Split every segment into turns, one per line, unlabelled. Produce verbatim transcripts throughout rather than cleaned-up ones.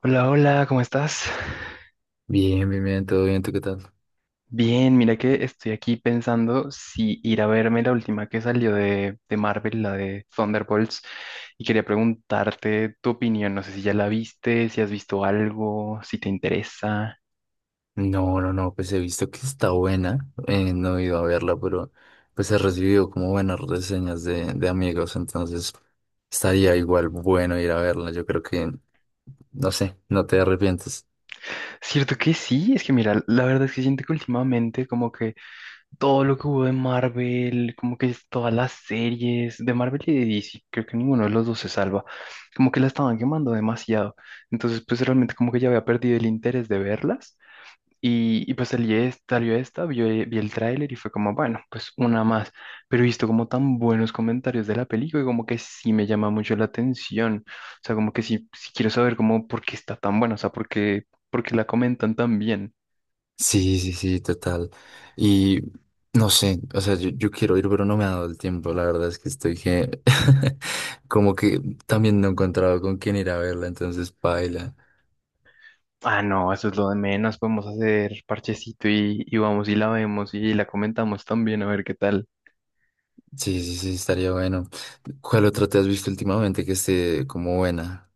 Hola, hola, ¿cómo estás?
Bien, bien, bien, todo bien, ¿tú qué tal?
Bien, mira que estoy aquí pensando si ir a verme la última que salió de, de Marvel, la de Thunderbolts, y quería preguntarte tu opinión, no sé si ya la viste, si has visto algo, si te interesa.
No, no, no, pues he visto que está buena, eh, no he ido a verla, pero pues he recibido como buenas reseñas de, de amigos, entonces estaría igual bueno ir a verla, yo creo que, no sé, no te arrepientes.
Cierto que sí, es que mira, la verdad es que siento que últimamente como que todo lo que hubo de Marvel, como que es todas las series de Marvel y de D C, creo que ninguno de los dos se salva, como que la estaban quemando demasiado. Entonces, pues realmente como que ya había perdido el interés de verlas. Y, y pues salí es- salió esta, vio- vi, el tráiler y fue como, bueno, pues una más. Pero he visto como tan buenos comentarios de la película y como que sí me llama mucho la atención. O sea, como que sí, sí quiero saber como por qué está tan buena, o sea, por qué, por qué la comentan tan bien.
Sí, sí, sí, total. Y no sé, o sea, yo, yo quiero ir, pero no me ha dado el tiempo, la verdad es que estoy que, como que también no he encontrado con quién ir a verla, entonces paila.
Ah, no, eso es lo de menos. Podemos hacer parchecito y, y vamos y la vemos y la comentamos también a ver qué tal.
Sí, sí, sí, estaría bueno. ¿Cuál otra te has visto últimamente que esté como buena?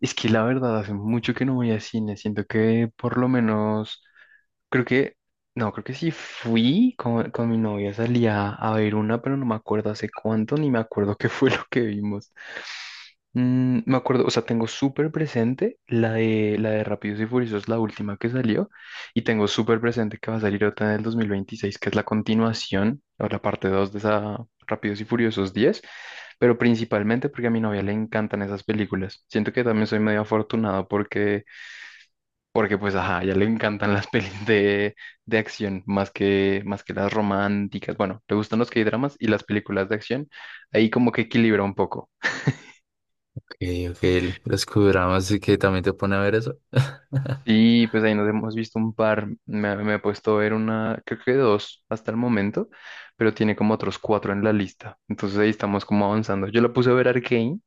Es que la verdad, hace mucho que no voy a cine. Siento que por lo menos. Creo que, no, creo que sí fui con, con mi novia, salí a, a ver una, pero no me acuerdo hace cuánto, ni me acuerdo qué fue lo que vimos. Mm, me acuerdo, o sea, tengo súper presente la de, la de, Rápidos y Furiosos, la última que salió, y tengo súper presente que va a salir otra en el dos mil veintiséis, que es la continuación, o la parte dos de esa Rápidos y Furiosos diez, pero principalmente porque a mi novia le encantan esas películas. Siento que también soy medio afortunado porque porque pues, ajá, ya le encantan las pelis de, de acción más que, más que las románticas. Bueno, le gustan los K-dramas y las películas de acción. Ahí como que equilibra un poco.
Ok, ok, el- los Qdramas y que también te pone a ver eso.
Sí, pues ahí nos hemos visto un par. Me, me he puesto a ver una, creo que dos hasta el momento, pero tiene como otros cuatro en la lista. Entonces ahí estamos como avanzando. Yo la puse a ver Arcane,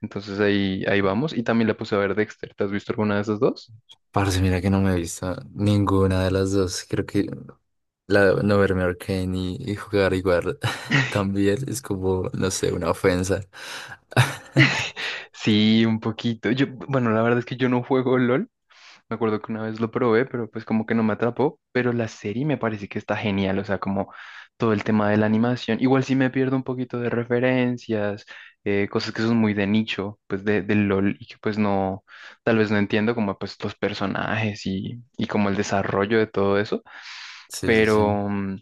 entonces ahí, ahí, vamos. Y también la puse a ver Dexter. ¿Te has visto alguna de esas dos?
Parce, mira que no me he visto ninguna de las dos. Creo que la, no verme Arcane y, y jugar igual también es como, no sé, una ofensa.
Sí, un poquito. Yo, bueno, la verdad es que yo no juego LOL. Me acuerdo que una vez lo probé, pero pues como que no me atrapó. Pero la serie me parece que está genial, o sea, como todo el tema de la animación. Igual sí me pierdo un poquito de referencias, eh, cosas que son muy de nicho, pues de, del LOL y que pues no, tal vez no entiendo como pues los personajes y, y como el desarrollo de todo eso.
Sí, sí, sí.
Pero, mm,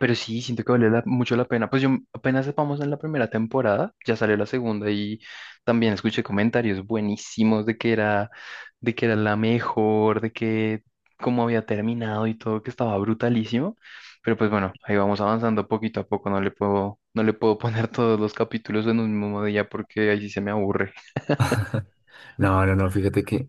pero sí, siento que vale la- mucho la pena. Pues yo apenas vamos en la primera temporada, ya salió la segunda y también escuché comentarios buenísimos de que era, de que era la mejor, de que cómo había terminado y todo, que estaba brutalísimo. Pero pues bueno, ahí vamos avanzando poquito a poco. No le puedo, no le puedo poner todos los capítulos en un mismo día porque ahí sí se me aburre.
No, no, no, fíjate que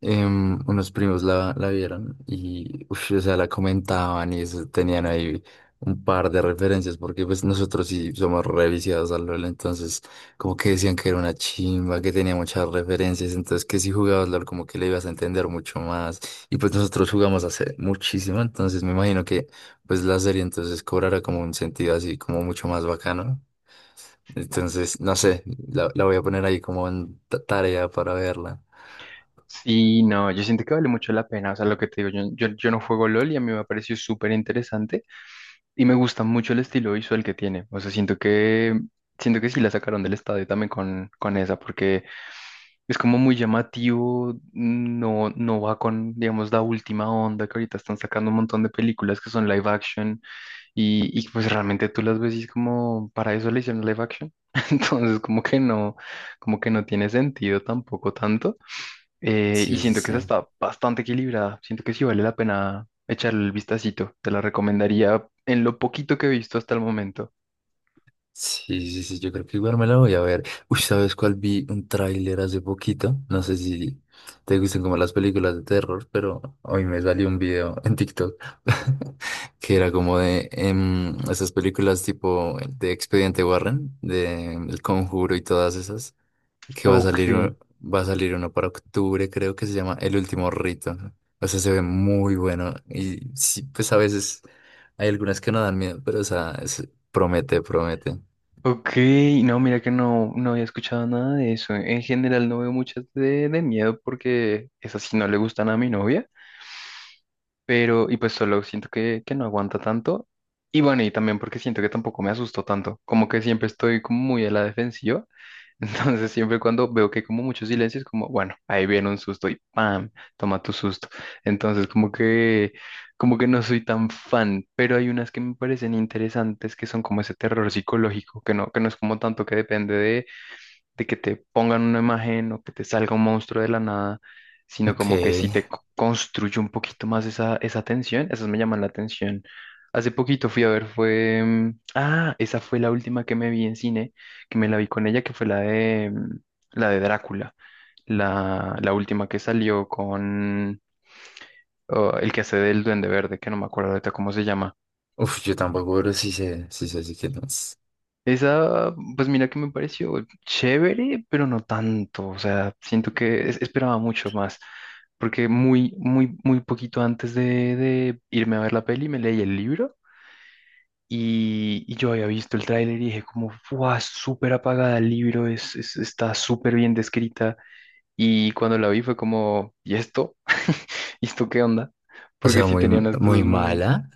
em, unos primos la, la vieron y, uf, o sea, la comentaban y eso, tenían ahí un par de referencias porque pues nosotros sí somos reviciados al LoL, entonces como que decían que era una chimba, que tenía muchas referencias, entonces que si jugabas LoL como que le ibas a entender mucho más y pues nosotros jugamos hace muchísimo, entonces me imagino que pues la serie entonces cobrará como un sentido así como mucho más bacano. Entonces, no sé, la, la voy a poner ahí como en ta- tarea para verla.
Sí, no, yo siento que vale mucho la pena. O sea, lo que te digo, yo, yo, yo no juego LOL y a mí me pareció súper interesante. Y me gusta mucho el estilo visual que tiene. O sea, siento que, siento que sí la sacaron del estadio también con, con esa, porque es como muy llamativo, no, no va con, digamos, la última onda que ahorita están sacando un montón de películas que son live action y, y pues realmente tú las ves y es como, para eso le hicieron live action. Entonces, como que no, como que no, tiene sentido tampoco tanto. Eh, y
Sí, sí,
siento que esa
sí.
está bastante equilibrada. Siento que sí vale la pena echarle el vistacito. Te la recomendaría en lo poquito que he visto hasta el momento.
Sí, sí, sí, yo creo que igual me la voy a ver. Uy, ¿sabes cuál? Vi un tráiler hace poquito. No sé si te gustan como las películas de terror, pero hoy me salió un video en TikTok que era como de em, esas películas tipo de Expediente Warren, de em, El Conjuro y todas esas, que va a
Ok,
salir, u- va a salir uno para octubre, creo que se llama El Último Rito. O sea, se ve muy bueno y sí, pues a veces hay algunas que no dan miedo, pero o sea, es- promete, promete.
ok. No, mira que no, no había escuchado nada de eso. En general no veo muchas de, de miedo porque esas sí no le gustan a mi novia. Pero, y pues solo siento que, que, no aguanta tanto. Y bueno, y también porque siento que tampoco me asusto tanto. Como que siempre estoy como muy a la defensiva. Entonces, siempre cuando veo que hay como mucho silencio, es como, bueno, ahí viene un susto y ¡pam! Toma tu susto. Entonces, como que, como que, no soy tan fan, pero hay unas que me parecen interesantes que son como ese terror psicológico, que no, que no es como tanto que depende de, de que te pongan una imagen o que te salga un monstruo de la nada, sino
Ok.
como que sí te co- construye un poquito más esa, esa tensión, esas me llaman la atención. Hace poquito fui a ver. fue... mm, Ah, esa fue la última que me vi en cine, que me la vi con ella, que fue la de, mm, la de Drácula, la, la última que salió con, oh, el que hace del Duende Verde, que no me acuerdo ahorita cómo se llama.
Uf, yo tampoco, pero sí sé, sí sé, sí que no es.
Esa, pues mira que me pareció chévere, pero no tanto. O sea, siento que es- esperaba mucho más, porque muy, muy, muy poquito antes de, de irme a ver la peli me leí el libro y, y yo había visto el tráiler y dije como, ¡guau! Súper apagada el libro, es, es- está súper bien descrita. Y cuando la vi fue como, ¿y esto? ¿Y esto qué onda?
O
Porque
sea,
sí
muy,
tenía unas cosas
muy
muy,
mala.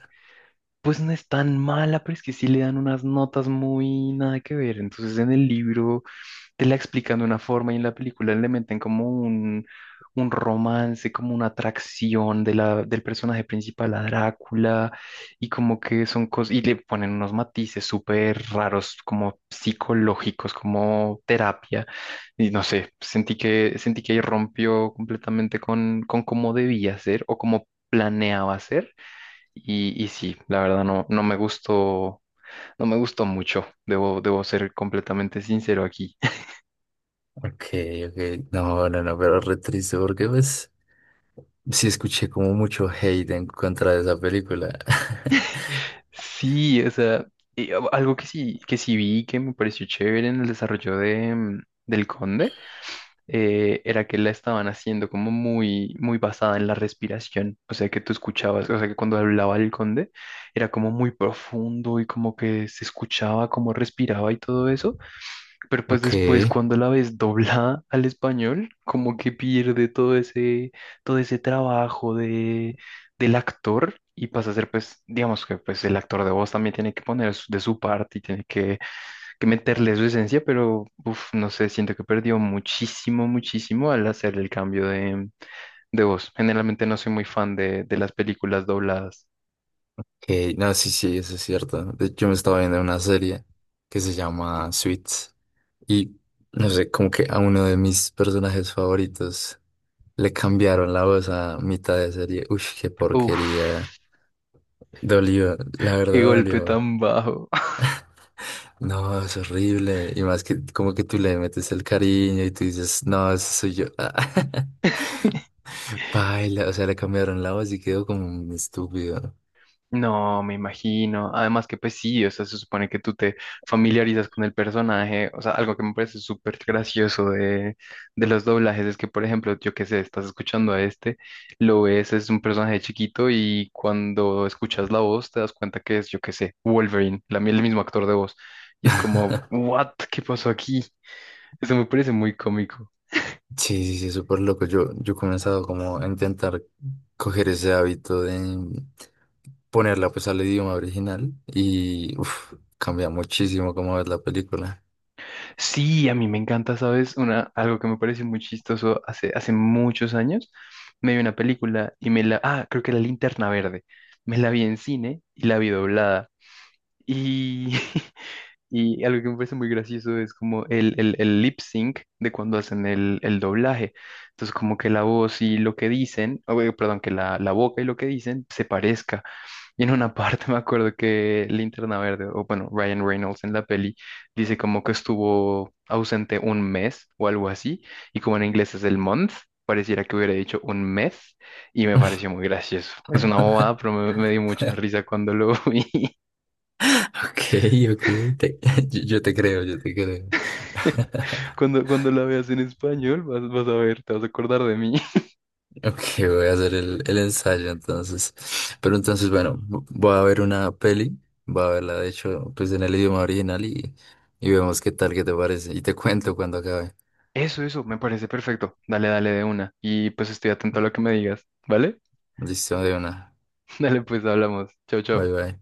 pues no es tan mala, pero es que sí le dan unas notas muy nada que ver. Entonces en el libro te la explican de una forma y en la película le meten como un, un, romance, como una atracción de la, del personaje principal a Drácula, y como que son cosas, y le ponen unos matices súper raros, como psicológicos, como terapia. Y no sé, sentí que, sentí que, ahí rompió completamente con, con cómo debía ser o cómo planeaba ser. Y, y sí, la verdad no, no me gustó, no me gustó mucho, debo, debo ser completamente sincero aquí.
Ok, ok. No, no, no, pero re triste porque pues sí escuché como mucho hate en contra de esa película.
Sí, o sea, y a- algo que sí, que sí vi que me pareció chévere en el desarrollo de, mm, del Conde, eh, era que la estaban haciendo como muy, muy basada en la respiración. O sea, que tú escuchabas, o sea, que cuando hablaba el Conde era como muy profundo y como que se escuchaba cómo respiraba y todo eso. Pero pues
Ok,
después cuando la ves doblada al español, como que pierde todo ese, todo ese, trabajo de, del actor y pasa a ser pues, digamos que pues el actor de voz también tiene que poner su- de su parte y tiene que, que meterle su esencia, pero uf, no sé, siento que perdió muchísimo, muchísimo al hacer el cambio de, de voz. Generalmente no soy muy fan de, de las películas dobladas.
ok. No, sí, sí, eso es cierto. De hecho, yo me estaba viendo una serie que se llama Suits y no sé, como que a uno de mis personajes favoritos le cambiaron la voz a mitad de serie. Uy, qué
Uf,
porquería. Dolió, la
qué
verdad
golpe
dolió.
tan bajo.
No, es horrible. Y más que como que tú le metes el cariño y tú dices, no, eso soy yo. Baila, o sea, le cambiaron la voz y quedó como un estúpido.
No, me imagino. Además que pues sí, o sea, se supone que tú te familiarizas con el personaje. O sea, algo que me parece súper gracioso de, de los doblajes es que, por ejemplo, yo qué sé, estás escuchando a este, lo ves, es un personaje chiquito y cuando escuchas la voz te das cuenta que es, yo qué sé, Wolverine, la, el mismo actor de voz. Y es como, ¿what? ¿Qué pasó aquí? Eso me parece muy cómico.
Sí, sí, sí, súper loco. Yo, yo he comenzado como a intentar coger ese hábito de ponerla pues al idioma original y uf, cambia muchísimo cómo ves la película.
Sí, a mí me encanta, ¿sabes? Una, algo que me pareció muy chistoso hace, hace, muchos años. Me vi una película y me la... Ah, creo que era Linterna Verde. Me la vi en cine y la vi doblada. Y, y algo que me parece muy gracioso es como el, el, el, lip sync de cuando hacen el, el doblaje. Entonces, como que la voz y lo que dicen, o, eh, perdón, que la, la boca y lo que dicen se parezca. Y en una parte me acuerdo que Linterna Verde, o bueno, Ryan Reynolds en la peli, dice como que estuvo ausente un mes o algo así, y como en inglés es el month, pareciera que hubiera dicho un mes, y me pareció muy gracioso. Es una bobada, pero me, me dio mucha risa cuando lo vi.
Ok, ok, te- yo, yo te creo, yo te creo.
Cuando, cuando la veas en español, vas, vas a ver, te vas a acordar de mí.
Ok, voy a hacer el, el ensayo entonces. Pero entonces, bueno, vo- voy a ver una peli, voy a verla de hecho, pues en el idioma original y, y vemos qué tal, qué te parece. Y te cuento cuando acabe.
Eso, eso, me parece perfecto. Dale, dale de una. Y pues estoy atento a lo que me digas, ¿vale?
Listo, de una.
Dale, pues hablamos. Chao,
Bye
chao.
bye.